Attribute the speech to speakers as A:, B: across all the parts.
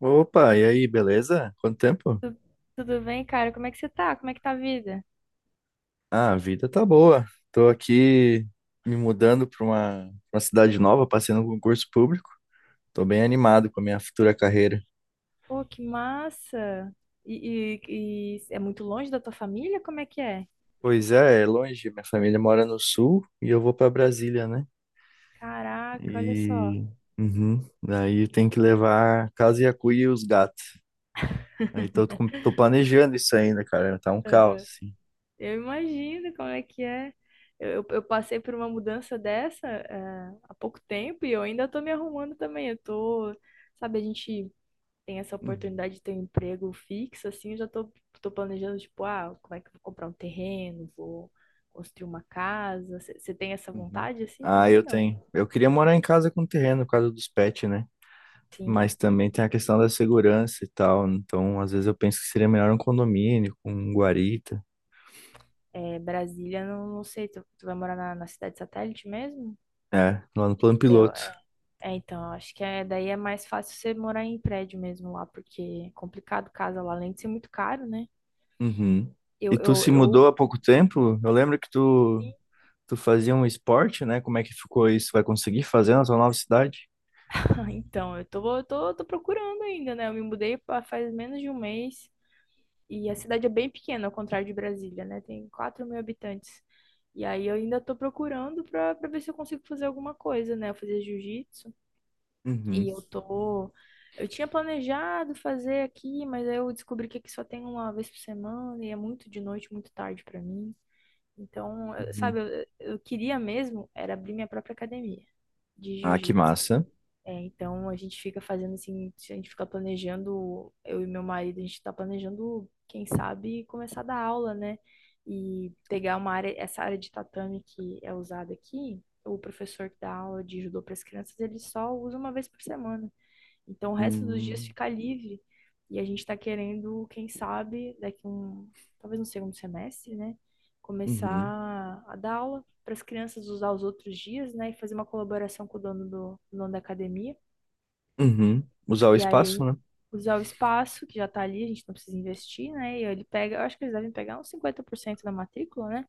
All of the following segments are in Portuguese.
A: Opa, e aí, beleza? Quanto tempo?
B: Tu- Tudo bem, cara? Como é que você tá? Como é que tá a vida?
A: Ah, a vida tá boa. Tô aqui me mudando para uma cidade nova, passei num concurso público. Tô bem animado com a minha futura carreira.
B: Pô, que massa! E, e é muito longe da tua família? Como é que é?
A: Pois é, é longe, minha família mora no sul e eu vou para Brasília, né?
B: Caraca, olha só.
A: E uhum, daí tem que levar a casa e a cuia e os gatos. Aí tô planejando isso ainda, cara. Tá um caos,
B: Aham.
A: assim.
B: Eu imagino como é que é. Eu passei por uma mudança dessa, há pouco tempo e eu ainda tô me arrumando também. Eu tô, sabe, a gente tem essa
A: Uhum,
B: oportunidade de ter um emprego fixo, assim, eu já tô planejando, tipo, ah, como é que eu vou comprar um terreno, vou construir uma casa. Você tem essa
A: uhum.
B: vontade assim
A: Ah,
B: também,
A: eu tenho.
B: não?
A: Eu queria morar em casa com terreno, por causa dos pets, né?
B: Sim.
A: Mas também tem a questão da segurança e tal. Então, às vezes eu penso que seria melhor um condomínio com um guarita.
B: É, Brasília, não, não sei, tu vai morar na cidade satélite mesmo?
A: É, lá no plano
B: Eu,
A: piloto.
B: é, então, eu acho que é, daí é mais fácil você morar em prédio mesmo lá, porque é complicado casa lá, além de ser muito caro, né?
A: Uhum. E
B: Eu,
A: tu
B: eu,
A: se mudou
B: eu,
A: há pouco tempo? Eu lembro que tu, tu fazia um esporte, né? Como é que ficou isso? Vai conseguir fazer na tua nova cidade?
B: então eu tô procurando ainda, né? Eu me mudei faz menos de um mês e a cidade é bem pequena, ao contrário de Brasília, né? Tem 4.000 habitantes. E aí eu ainda tô procurando pra ver se eu consigo fazer alguma coisa, né? Fazer jiu-jitsu.
A: Uhum,
B: E eu tô. Eu tinha planejado fazer aqui, mas aí eu descobri que aqui só tem uma vez por semana e é muito de noite, muito tarde pra mim. Então, sabe,
A: uhum.
B: eu queria mesmo era abrir minha própria academia de
A: Ah, que
B: jiu-jitsu.
A: massa.
B: É, então a gente fica fazendo assim, a gente fica planejando, eu e meu marido, a gente tá planejando, quem sabe, começar a dar aula, né? E pegar uma área, essa área de tatame que é usada aqui, o professor que dá aula de judô para as crianças, ele só usa uma vez por semana. Então, o resto dos dias
A: Uhum,
B: fica livre. E a gente está querendo, quem sabe, daqui um, talvez no segundo semestre, né?
A: uhum,
B: Começar a dar aula para as crianças usar os outros dias, né? E fazer uma colaboração com o dono da academia.
A: uhum. Usar o
B: E
A: espaço,
B: aí,
A: né?
B: usar o espaço que já está ali, a gente não precisa investir, né? E ele pega, eu acho que eles devem pegar uns 50% da matrícula, né?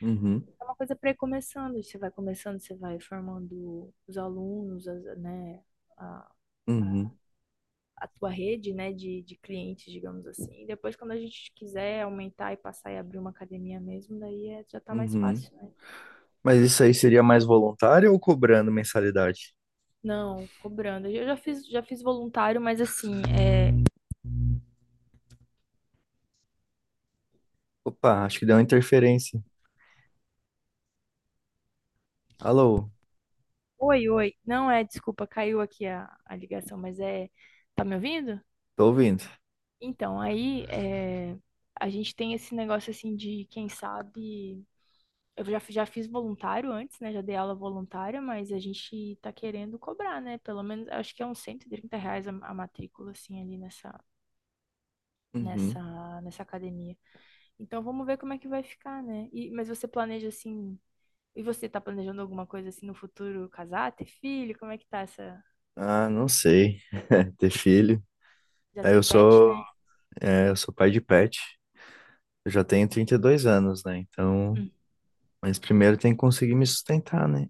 A: Uhum,
B: É uma coisa para ir começando. Você vai começando, você vai formando os alunos, né? a-
A: uhum,
B: a tua rede, né, de clientes, digamos assim. Depois, quando a gente quiser aumentar e passar e abrir uma academia mesmo, daí é, já tá mais
A: uhum.
B: fácil, né?
A: Mas isso aí seria mais voluntário ou cobrando mensalidade?
B: Não, cobrando. Eu já fiz voluntário, mas assim, é...
A: Opa, acho que deu uma interferência. Alô,
B: Oi, oi. Não é, desculpa, caiu aqui a ligação, mas é... Tá me ouvindo?
A: tô ouvindo.
B: Então, aí é... a gente tem esse negócio assim de, quem sabe. Eu já fiz voluntário antes, né? Já dei aula voluntária, mas a gente tá querendo cobrar, né? Pelo menos, acho que é uns R$ 130 a matrícula, assim, ali nessa,
A: Uhum.
B: nessa, nessa academia. Então, vamos ver como é que vai ficar, né? E, mas você planeja, assim... E você tá planejando alguma coisa, assim, no futuro? Casar, ter filho? Como é que tá essa...
A: Ah, não sei. Ter filho.
B: Já
A: É, eu
B: tem pet,
A: sou,
B: né?
A: é, eu sou pai de pet. Eu já tenho 32 anos, né? Então,
B: Hum.
A: mas primeiro tem que conseguir me sustentar, né?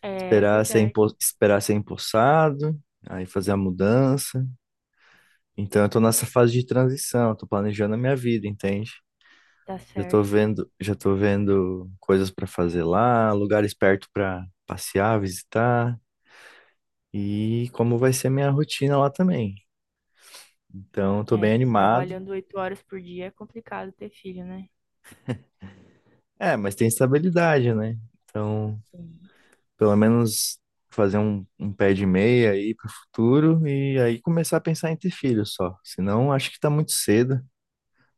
B: É
A: Esperar ser,
B: verdade.
A: empo... Esperar ser empossado, aí fazer a mudança. Então eu tô nessa fase de transição, tô planejando a minha vida, entende?
B: Tá certo.
A: Já tô vendo coisas para fazer lá, lugares perto para passear, visitar e como vai ser a minha rotina lá também. Então eu tô bem
B: É,
A: animado.
B: trabalhando 8 horas por dia é complicado ter filho, né?
A: É, mas tem estabilidade, né? Então,
B: Sim.
A: pelo menos fazer um pé de meia aí pro futuro e aí começar a pensar em ter filho só. Senão acho que tá muito cedo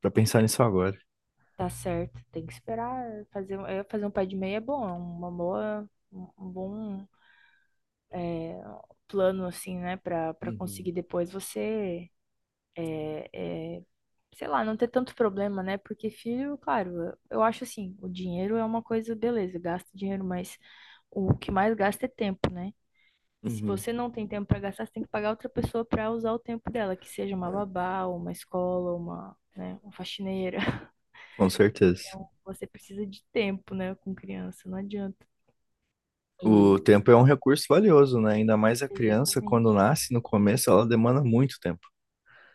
A: para pensar nisso agora.
B: Tá certo, tem que esperar fazer, é, fazer um pé de meia é bom, é uma boa, um bom plano assim, né, pra para
A: Uhum.
B: conseguir depois você é, é, sei lá, não ter tanto problema, né? Porque filho, claro, eu acho assim, o dinheiro é uma coisa, beleza, gasta dinheiro, mas o que mais gasta é tempo, né? E se
A: Uhum.
B: você não tem tempo pra gastar, você tem que pagar outra pessoa pra usar o tempo dela, que seja uma babá, ou uma escola, ou uma, né, uma faxineira.
A: Com certeza.
B: Então, você precisa de tempo, né, com criança, não adianta.
A: O
B: E
A: tempo é um recurso valioso, né? Ainda mais a criança, quando
B: Exatamente,
A: nasce, no começo, ela demanda muito tempo.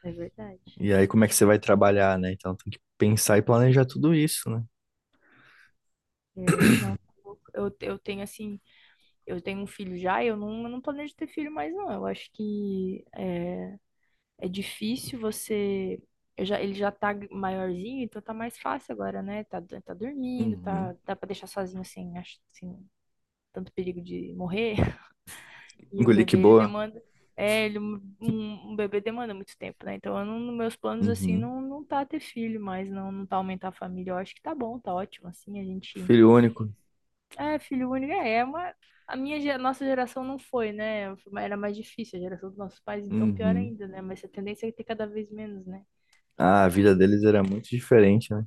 B: é verdade.
A: E aí, como é que você vai trabalhar, né? Então, tem que pensar e planejar tudo isso, né?
B: É, não, eu tenho assim, eu tenho um filho já, e eu não planejo ter filho mais, não. Eu acho que é difícil você. Ele já tá maiorzinho, então tá mais fácil agora, né? Tá dormindo, tá,
A: Uhum.
B: dá pra deixar sozinho sem, acho, sem tanto perigo de morrer. E um
A: Engoli que
B: bebê, ele
A: boa.
B: demanda. É, ele, um, um bebê demanda muito tempo, né? Então, eu não, nos meus planos, assim,
A: Uhum.
B: não, não tá ter filho, mas não, não tá aumentar a família. Eu acho que tá bom, tá ótimo, assim, a gente.
A: Filho único.
B: É, filho único é uma. Nossa geração não foi, né? Era mais difícil, a geração dos nossos pais, então pior
A: Uhum.
B: ainda, né? Mas a tendência é ter cada vez menos, né?
A: Ah, a vida deles era muito diferente, né?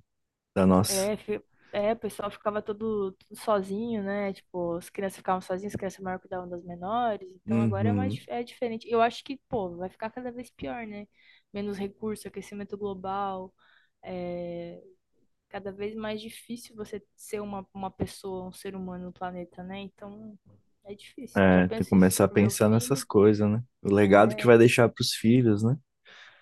A: Da nossa.
B: É, o pessoal ficava todo, tudo sozinho, né? Tipo, as crianças ficavam sozinhas, as crianças maiores cuidavam das menores. Então agora é mais
A: Uhum.
B: é diferente. Eu acho que, pô, vai ficar cada vez pior, né? Menos recurso, aquecimento global. É cada vez mais difícil você ser uma pessoa, um ser humano no planeta, né? Então é difícil. Eu já
A: É, tem que
B: penso isso
A: começar a
B: pro meu
A: pensar nessas
B: filho.
A: coisas, né? O legado que
B: É,
A: vai deixar para os filhos, né?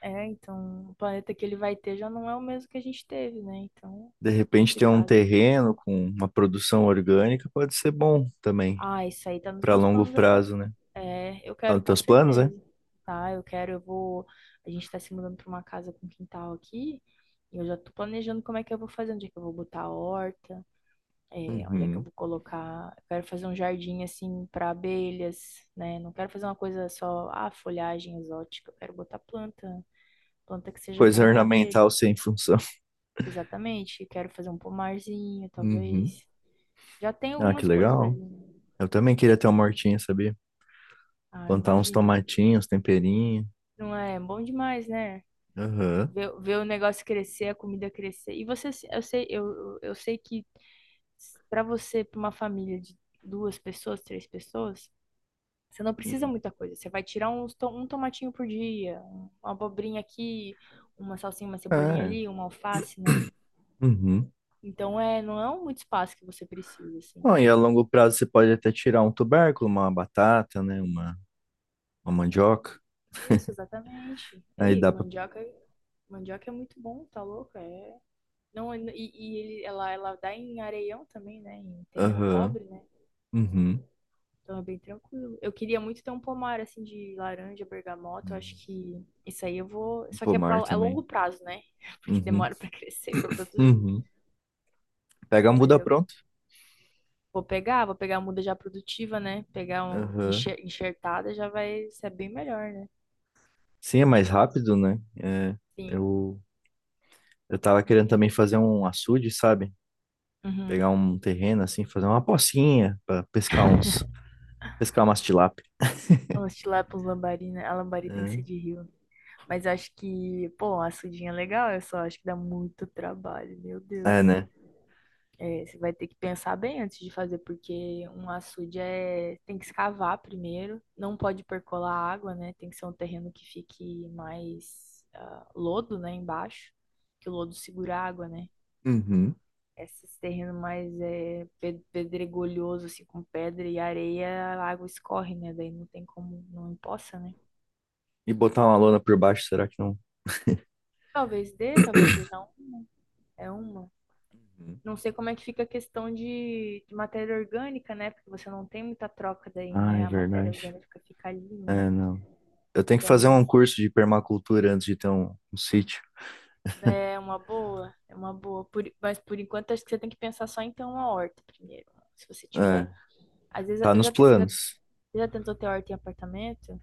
B: então o planeta que ele vai ter já não é o mesmo que a gente teve, né? Então,
A: De repente, ter um
B: complicado.
A: terreno com uma produção orgânica pode ser bom também,
B: Ah, isso aí tá nos
A: para
B: meus
A: longo
B: planos, eu quero.
A: prazo, né?
B: É, eu
A: Tá
B: quero
A: nos
B: com
A: teus planos, é?
B: certeza, tá? Eu quero, eu vou. A gente tá se mudando pra uma casa com quintal aqui, e eu já tô planejando como é que eu vou fazer, onde é que eu vou botar a horta, é, onde é que eu
A: Uhum.
B: vou colocar. Eu quero fazer um jardim assim pra abelhas, né? Não quero fazer uma coisa só, ah, folhagem exótica, eu quero botar planta, planta que seja
A: Coisa
B: bom pra abelha.
A: ornamental sem função.
B: Exatamente, quero fazer um pomarzinho,
A: Uhum.
B: talvez. Já tem
A: Ah, que
B: algumas coisas ali,
A: legal.
B: né?
A: Eu também queria ter uma hortinha, sabia?
B: Ah,
A: Plantar uns
B: imagino.
A: tomatinhos, temperinho.
B: Não é bom demais, né?
A: Aham.
B: Ver o negócio crescer, a comida crescer. E você, se- eu sei que pra você, pra uma família de duas pessoas, três pessoas, você não precisa
A: Hum.
B: muita coisa. Você vai tirar um tomatinho por dia, uma abobrinha aqui, uma salsinha, uma cebolinha
A: É.
B: ali, uma alface, né?
A: Uhum.
B: Então é, não é um muito espaço que você precisa, assim.
A: Bom, e a longo prazo você pode até tirar um tubérculo, uma batata, né? Uma mandioca.
B: Isso, exatamente.
A: Aí
B: Aí,
A: dá pra.
B: mandioca, é muito bom, tá louco? É. Não, e ela dá em areião também, né? Em terreno
A: Aham.
B: pobre, né?
A: Uhum.
B: Então é bem tranquilo. Eu queria muito ter um pomar assim de laranja, bergamota. Eu acho que isso aí eu vou.
A: Um
B: Só que é, pra,
A: pomar
B: é
A: também.
B: longo prazo, né? Porque
A: Uhum.
B: demora pra crescer, pra produzir.
A: Uhum. Pega a
B: Mas
A: muda
B: eu
A: pronto.
B: vou pegar a muda já produtiva, né? Pegar um
A: Aham.
B: enxertada já vai ser bem melhor, né?
A: Sim, é mais rápido, né? É,
B: Sim.
A: eu, eu tava querendo também fazer um açude, sabe?
B: Uhum.
A: Pegar um terreno assim, fazer uma pocinha pra pescar uns, pescar umas tilápia.
B: Os tilápios lambari, né? A lambari tem que ser de rio. Mas acho que, pô, a sudinha é legal, eu só acho que dá muito trabalho, meu
A: É, é,
B: Deus.
A: né?
B: É, você vai ter que pensar bem antes de fazer, porque um açude é, tem que escavar primeiro, não pode percolar água, né? Tem que ser um terreno que fique mais ah, lodo, né, embaixo, que o lodo segura a água, né?
A: Uhum.
B: Esses terrenos mais é, pedregulhoso, assim, com pedra e areia, a água escorre, né? Daí não tem como, não empoça, né?
A: E botar uma lona por baixo, será que não?
B: Talvez dê, talvez seja uma, é uma.
A: Uhum.
B: Não sei como é que fica a questão de matéria orgânica, né? Porque você não tem muita troca daí,
A: Ai,
B: né? A matéria
A: verdade.
B: orgânica fica ali,
A: É,
B: né?
A: não. Eu tenho que
B: Então,
A: fazer
B: não
A: um
B: s-
A: curso de permacultura antes de ter um sítio.
B: é uma boa, é uma boa. Mas por enquanto, acho que você tem que pensar só em ter uma horta primeiro. Se você
A: É,
B: tiver. Às vezes,
A: tá
B: eu
A: nos
B: já, te-
A: planos.
B: você já tentou ter horta em apartamento?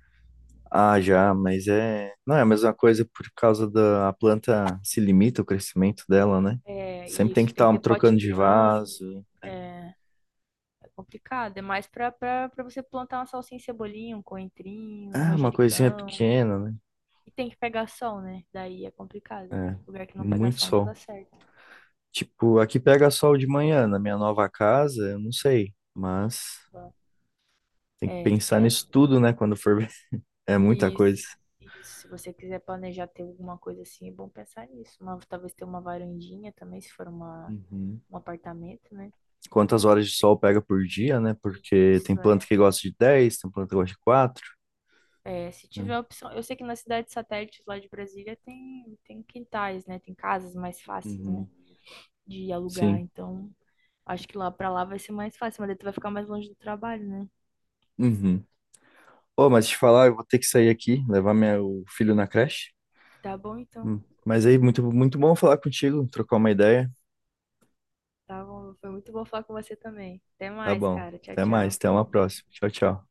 A: Ah, já, mas é. Não é a mesma coisa por causa da a planta se limita o crescimento dela, né?
B: É,
A: Sempre tem que
B: isso, tem que
A: estar
B: ter pote
A: trocando de
B: grande.
A: vaso.
B: É, é complicado. É mais pra você plantar uma salsinha, e cebolinha, um coentrinho, um
A: Ah, uma coisinha
B: manjericão.
A: pequena, né?
B: E tem que pegar sol, né? Daí é complicado.
A: É,
B: Lugar que não pega
A: muito
B: sol não dá
A: sol.
B: certo.
A: Tipo, aqui pega sol de manhã, na minha nova casa, eu não sei, mas tem que
B: É,
A: pensar
B: é.
A: nisso tudo, né, quando for ver. É muita
B: E,
A: coisa.
B: e se você quiser planejar ter alguma coisa assim, é bom pensar nisso. Uma, talvez ter uma varandinha também, se for uma,
A: Uhum.
B: um apartamento, né?
A: Quantas horas de sol pega por dia, né?
B: E
A: Porque tem
B: Isso
A: planta
B: é,
A: que gosta de 10, tem planta que gosta de 4.
B: é. Se
A: Né?
B: tiver opção. Eu sei que na cidade de satélites lá de Brasília tem, quintais, né? Tem casas mais fáceis, né?
A: Uhum.
B: De alugar.
A: Sim.
B: Então, acho que lá pra lá vai ser mais fácil, mas daí tu vai ficar mais longe do trabalho, né?
A: Uhum. Ô, mas te falar, eu vou ter que sair aqui, levar meu filho na creche.
B: Tá bom, então.
A: Hum. Mas aí, muito, muito bom falar contigo, trocar uma ideia.
B: Tá bom, foi muito bom falar com você também. Até
A: Tá
B: mais,
A: bom.
B: cara. Tchau,
A: Até mais,
B: tchau.
A: até uma próxima. Tchau, tchau.